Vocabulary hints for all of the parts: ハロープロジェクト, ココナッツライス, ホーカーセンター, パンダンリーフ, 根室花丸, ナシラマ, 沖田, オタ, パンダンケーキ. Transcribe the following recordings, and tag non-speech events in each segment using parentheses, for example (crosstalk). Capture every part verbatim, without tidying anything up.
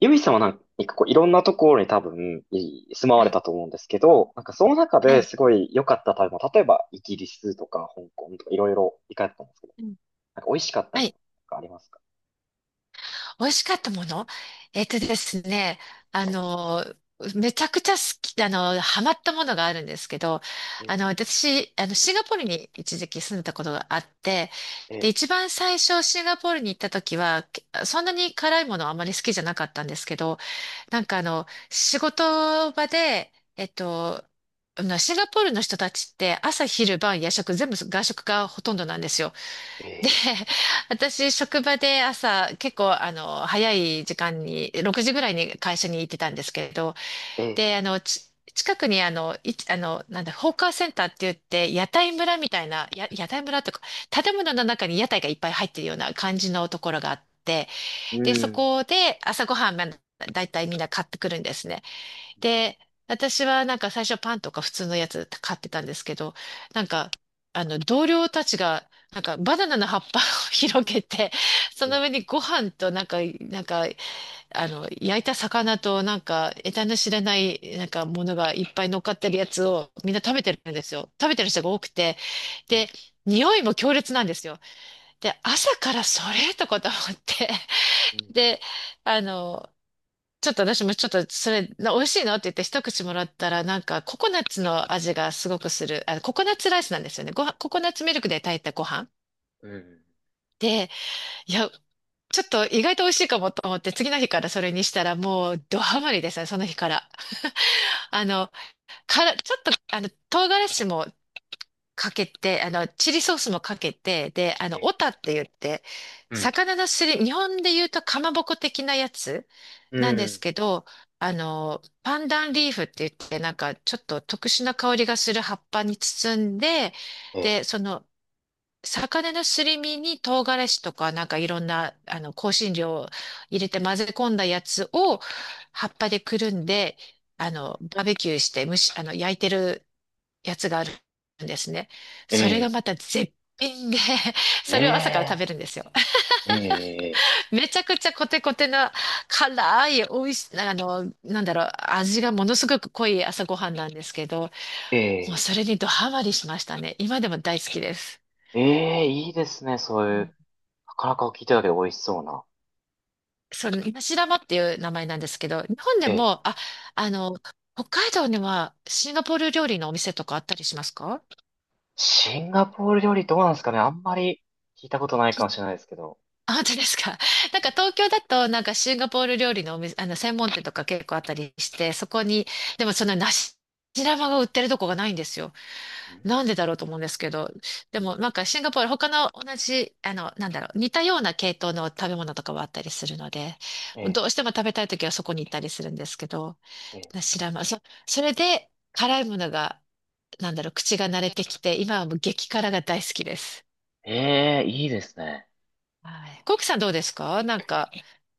ゆいさんはなんかこういろんなところに多分い住まわはれい、たと思うんですけど、なんかその中はでい、すごい良かった食べ物、例えばイギリスとか香港とかいろいろ行かれてたんですけど、うん、なんか美味しかったはものい。とかありますか？美味しかったもの。えっとですね、あの、めちゃくちゃ好き、あの、ハマったものがあるんですけど、えあの、私、あの、シンガポールに一時期住んだことがあって、え、えで、え、一番最初シンガポールに行った時は、けそんなに辛いものはあまり好きじゃなかったんですけど、なんかあの、仕事場で、えっと、あのシンガポールの人たちって朝昼晩夜食全部外食がほとんどなんですよ。えで、(laughs) 私、職場で朝、結構、あの、早い時間に、ろくじぐらいに会社に行ってたんですけれど、え、ええ、で、あの、ち近くに、あの、い、あの、なんだ、ホーカーセンターって言って、屋台村みたいな、や、屋台村とか、建物の中に屋台がいっぱい入ってるような感じのところがあって、うで、そん、こで朝ごはん、まあだいたいみんな買ってくるんですね。で、私はなんか最初パンとか普通のやつ買ってたんですけど、なんか、あの、同僚たちが、なんかバナナの葉っぱを (laughs) 広げて、そええ、の上にご飯となんか、なんか、あの、焼いた魚となんか、得体の知れない、なんかものがいっぱい乗っかってるやつをみんな食べてるんですよ。食べてる人が多くて。うん、で、匂いも強烈なんですよ。で、朝からそれとかと思って。う (laughs) ん、で、あの、ちょっと私もちょっとそれ、な美味しいのって言って一口もらったら、なんかココナッツの味がすごくする。あ、ココナッツライスなんですよね。ご飯、ココナッツミルクで炊いたご飯。うん、で、いや、ちょっと意外と美味しいかもと思って、次の日からそれにしたらもうドハマりですね、その日から。あの、から、ちょっと、あの、唐辛子もかけて、あの、チリソースもかけて、で、あえの、オえ、タって言って、うん、魚のすり、日本で言うとかまぼこ的なやつうなんですん、けど、あの、パンダンリーフって言って、なんかちょっと特殊な香りがする葉っぱに包んで、え、で、その、魚のすり身に唐辛子とか、なんかいろんな、あの、香辛料を入れて混ぜ込んだやつを葉っぱでくるんで、あの、バーベキューして蒸し、あの、焼いてるやつがあるんですね。え、それがえ、また絶品で、(laughs) え、それを朝から食えべえ、るんですよ。ええ、(laughs) めちゃくちゃコテコテな辛い、美味しい、あの、なんだろう、味がものすごく濃い朝ごはんなんですけど、えもうえ、それにドハマりしましたね。今でも大好きです。ええ、いいですね、そういう。なかなか聞いてただけど美味しそうな。その、ナシラマっていう名前なんですけど、日本でえ、も、あ、あの、北海道にはシンガポール料理のお店とかあったりしますか？シンガポール料理どうなんですかね、あんまり聞いたことないかもしれないですけど。あ、本当ですか。(laughs) なんうん。か東京だと、なんかシンガポール料理のお店、あの、専門店とか結構あったりして、そこに、でもその梨玉が売ってるとこがないんですよ。うん、なんでだろうと思うんですけど。でうん、もなんかシンガポール、他の同じ、あの、なんだろう、似たような系統の食べ物とかはあったりするので、ええ、どうしても食べたい時はそこに行ったりするんですけど、え梨玉、そ、それで辛いものが、なんだろう、口が慣れてきて、今はもう激辛が大好きです。え、ええ、いいですね。はい。コウキさんどうですか？なんか、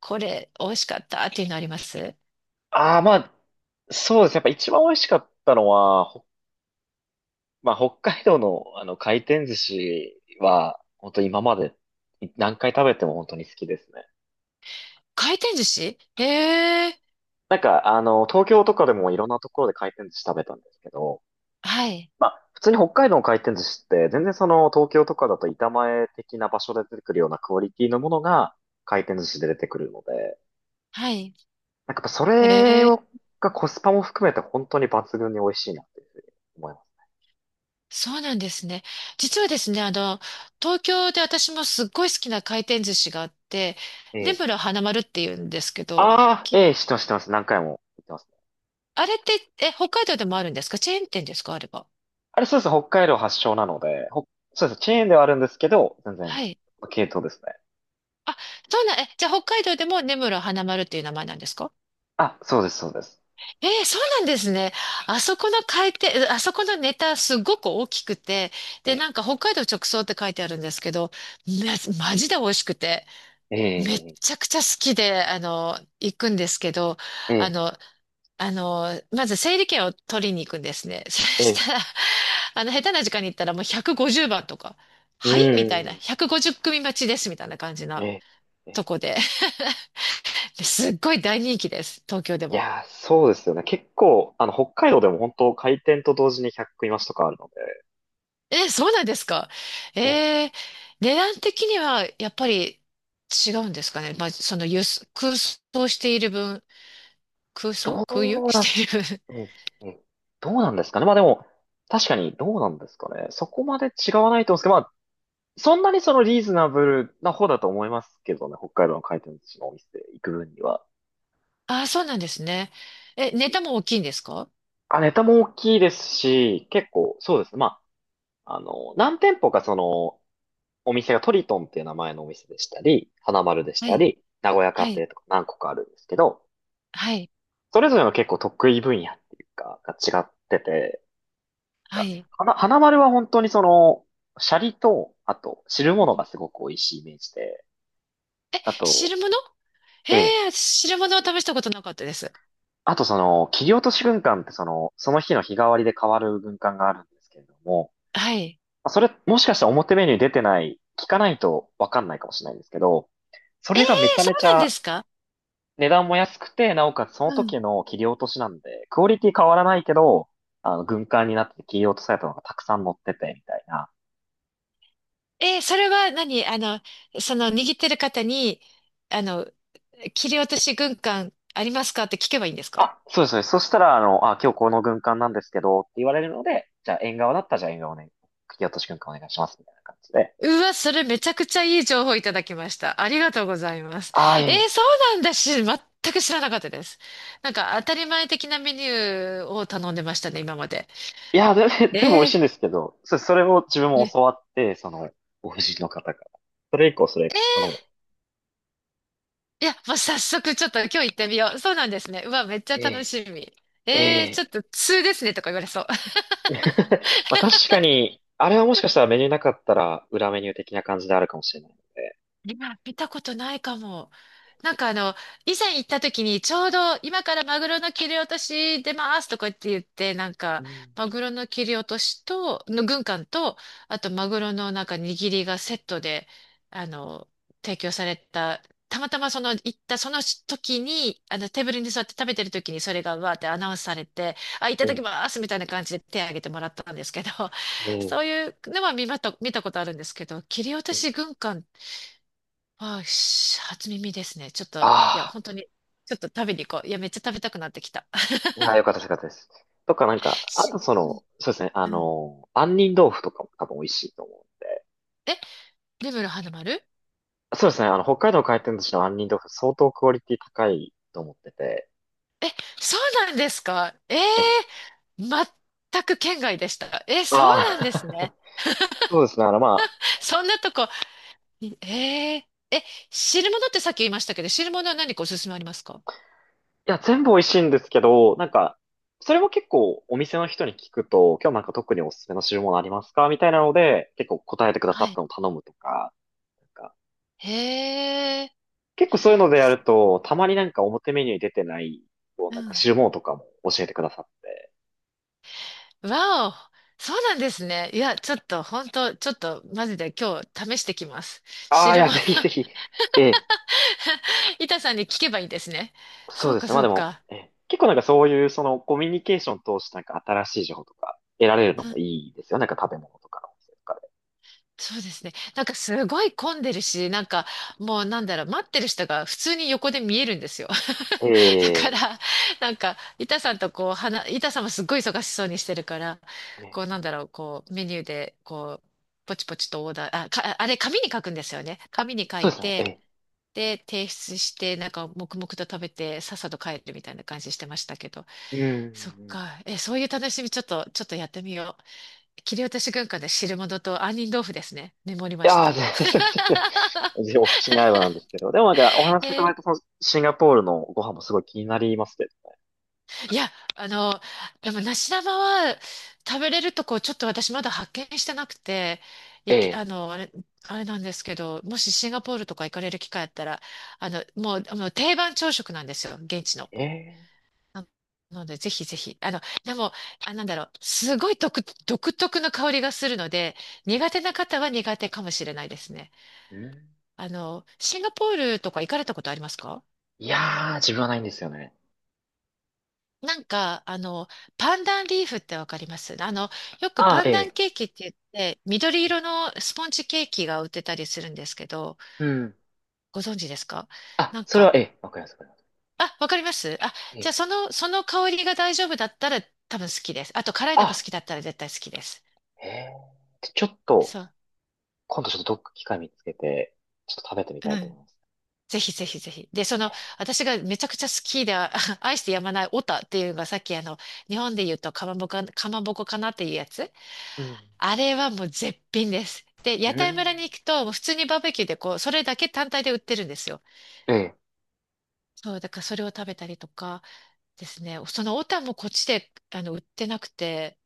これ美味しかったっていうのあります？ああ、まあ、そうですね。やっぱ一番美味しかったのは、ほまあ、北海道のあの回転寿司は、本当今までい何回食べても本当に好きですね。回転寿司へえ。なんか、あの、東京とかでもいろんなところで回転寿司食べたんですけど、はい。まあ、普通に北海道の回転寿司って、全然その東京とかだと板前的な場所で出てくるようなクオリティのものが回転寿司で出てくるので、はい。なんかやっぱそへれえ。を、がコスパも含めて本当に抜群に美味しいなっていうふうに思います。そうなんですね。実はですね、あの、東京で私もすっごい好きな回転寿司があって、え根え。室花丸っていうんですけど、ああ、きええ、知ってます、知ってます。何回も言ってますね。あれって、え、北海道でもあるんですか？チェーン店ですかあれば。あれそうですね、北海道発祥なので、ほそうです、チェーンではあるんですけど、全然、はい。系統ですね。あ、そうなん、え、じゃあ北海道でも根室花丸っていう名前なんですか？あ、そうです、そうです。ええ、そうなんですね。あそこの回転、あそこのネタすごく大きくて、えで、え、なんか北海道直送って書いてあるんですけど、め、マジで美味しくて、えめっえ、ちゃくちゃ好きで、あの、行くんですけど、えあえ、の、あの、まず整理券を取りに行くんですね。(laughs) そえしえ、たら、あの、下手な時間に行ったらもうひゃくごじゅうばんとか、うはいみたいな、ーん、ひゃくごじゅう組待ちですみたいな感じなええ、えとえ、こで (laughs) すっごい大人気です、東京でいも。やー、そうですよね。結構、あの、北海道でも本当開店と同時にひゃく食増しとかあるのえ、そうなんですか？で、え、えー、値段的にはやっぱり違うんですかね。まあ、その輸送空想している分、空想ど空輸 (laughs) うなしている分。ん、え、え、どうなんですかね。まあでも、確かにどうなんですかね。そこまで違わないと思うんですけど、まあ、そんなにそのリーズナブルな方だと思いますけどね、北海道の回転寿司のお店行く分には。(laughs) ああ、そうなんですね。え、ネタも大きいんですか？あ、ネタも大きいですし、結構、そうですね。まあ、あの、何店舗かその、お店がトリトンっていう名前のお店でしたり、花丸でしはたい、り、名古屋は家い、庭とか何個かあるんですけど、はい、それぞれの結構得意分野っていうか、が違ってて、はがい。花、花丸は本当にその、シャリと、あと、汁物がすごく美味しいイメージで、あと、汁物ええ、へえ、汁物を試したことなかったです。あとその、切り落とし軍艦ってその、その日の日替わりで変わる軍艦があるんですけれども、はい。まあそれ、もしかしたら表メニューに出てない、聞かないとわかんないかもしれないんですけど、そええ、れがめちゃそめちうなんでゃすか？値段も安くて、なおかつそのうん。時の切り落としなんで、クオリティ変わらないけど、あの、軍艦になって切り落とされたのがたくさん乗ってて、みたいな。えー、それは何あの、その握ってる方に、あの、切り落とし軍艦ありますかって聞けばいいんですか？あ、そうです、そうです。そしたら、あの、あ、今日この軍艦なんですけど、って言われるので、じゃあ縁側だったら、じゃあ縁側をね、切り落とし軍艦お願いします、みたいな感じで。うわ、それめちゃくちゃいい情報いただきました。ありがとうございます。ああ、えー、いい。そうなんだし、全く知らなかったです。なんか当たり前的なメニューを頼んでましたね、今まで。いや、全部全部美味えしいんー、ですけど、そそれを自分いもえ、教わって、その、お夫人の方から。それ以降、それ頼む。いや、もう早速ちょっと今日行ってみよう。そうなんですね。うわ、めっちゃえ楽え、しみ。ええー、ちょっえ。と通ですねとか言われそう。(laughs) まあ確かに、あれはもしかしたらメニューなかったら裏メニュー的な感じであるかもしれないので。(laughs) 今見たことないかも。なんかあの、以前行った時にちょうど今からマグロの切り落とし出ますとかって言って、なんうかん。マグロの切り落としと、の軍艦と、あとマグロのなんか握りがセットで、あの、提供された、たまたまその行ったその時に、あのテーブルに座って食べてる時にそれがわーってアナウンスされて、あ、いたうだん、きますみたいな感じで手を挙げてもらったんですけど、うん、そういうのは見まと、見たことあるんですけど、切り落とうん。し軍艦？あー、し初耳ですね。ちょっと、いや、あ本当に、ちょっと食べに行こう。いや、めっちゃ食べたくなってきた。(laughs) あ、ああ、よかったです、よかったです。とか、なんか、あとし、そうん、の、そうですね、あうん。の、杏仁豆腐とかも多分美味しいと思う。え、根室花丸、そうですね、あの、北海道回転寿司の杏仁豆腐相当クオリティ高いと思ってて。え、そうなんですか？ええええ、ー、全く県外でした。え、そうあなんですね。あ、(laughs) そうですね、あの、まあ、そんなとこ、ええー、え、汁物ってさっき言いましたけど、汁物は何かおすすめありますか？いや、全部美味しいんですけど、なんか、それも結構お店の人に聞くと、今日なんか特におすすめの汁物ありますか、みたいなので、結構答えてくださはっい。たのを頼むとか、なんか、へえ、結構そういうのでやると、たまになんか表メニューに出てない、こううなんかん。汁物とかも教えてくださって。わお、そうなんですね。いや、ちょっと、本当ちょっと、マジで今日試してきます。ああ、い汁や、物 ぜひぜひ。ええ、(laughs) 板さんに聞けばいいんですね。そそううですか、ね。まあそうでも、か。ええ、結構なんかそういう、そのコミュニケーションを通してなんか新しい情報とか得られるのもいいですよ。なんか食べ物とかのお店とかそうですね。なんかすごい混んでるし、なんかもうなんだろう、待ってる人が普通に横で見えるんですよ。で。(laughs) だかえら、なんか、板さんとこう、話、板さんもすっごい忙しそうにしてるから、え、ね、こうなんだろう、こう、メニューで、こう、ポチポチとオーダー、あ、か、あれ、紙に書くんですよね。紙に書そいうですね。て、えで、提出して、なんか黙々と食べて、さっさと帰るみたいな感じしてましたけど。え、うそっん。か。え、そういう楽しみ、ちょっと、ちょっとやってみよう。切り落とし軍艦で汁物と杏仁豆腐ですね。メモりいましやー、た。全然、全然 (laughs) お口に合えばなんですけど。でもなんか、お話しいたえだーいたそのシンガポールのご飯もすごい気になりますけどね。いや、あの、でも梨玉は食べれるとこちょっと私まだ発見してなくて、えいき、あえ。の、あれ、あれなんですけど、もしシンガポールとか行かれる機会あったら、あの、もう、もう定番朝食なんですよ、現地の。ええ。なので、ぜひぜひ。あの、でも、あ、なんだろう。すごい独、独特の香りがするので、苦手な方は苦手かもしれないですね。うん、あの、シンガポールとか行かれたことありますか？いやー、自分はないんですよね。なんか、あの、パンダンリーフってわかります？あの、よくあパあ、えンダンえ。ケーキって言って、緑色のスポンジケーキが売ってたりするんですけど、うん。ご存知ですか？あ、なんそれは、か、ええ、わかります、わかります。あ、わかります、あ、えじゃあえ。その、その香りが大丈夫だったら多分好きです。あと、辛いのが好あ、きだったら絶対好きです。ええ。でちょっと、そう。今度ちょっとどっか機会見つけて、ちょっと食べてみうたいと思んいます。ぜひぜひぜひ。で、その、私がめちゃくちゃ好きで、あ (laughs) 愛してやまないオタっていうのがさっきあの、日本で言うとかまぼこ、かまぼこかなっていうやつ。うん。あれはもう絶品です。で、う屋台ん。村に行くと、もう普通にバーベキューでこう、それだけ単体で売ってるんですよ。ええ。そう、だからそれを食べたりとかですね。そのオタもこっちで、あの、売ってなくて、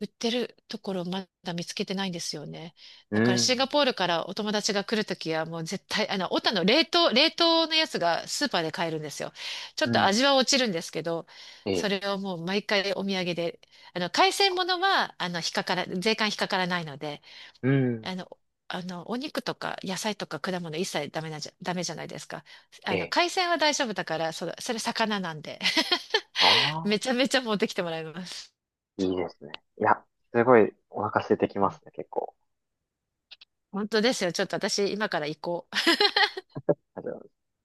売ってるところまだ見つけてないんですよね。うだからシん。ンガポールからお友達が来るときはもう絶対、あの、オタの冷凍、冷凍のやつがスーパーで買えるんですよ。ちょうっとん。味は落ちるんですけど、えそえ。れをもう毎回お土産で、あの、海鮮物は、あの、引っかから、税関引っかからないので、うん。あの、あの、お肉とか野菜とか果物一切ダメなんじゃ、ダメじゃないですか。えあの、え。海鮮は大丈夫だから、その、それ魚なんで、(laughs) あめちゃあ。めちゃ持ってきてもらいます。いいですね。いや、すごいお腹空いてきますね、結構。本当ですよ。ちょっと私、今から行こう。あじゃあ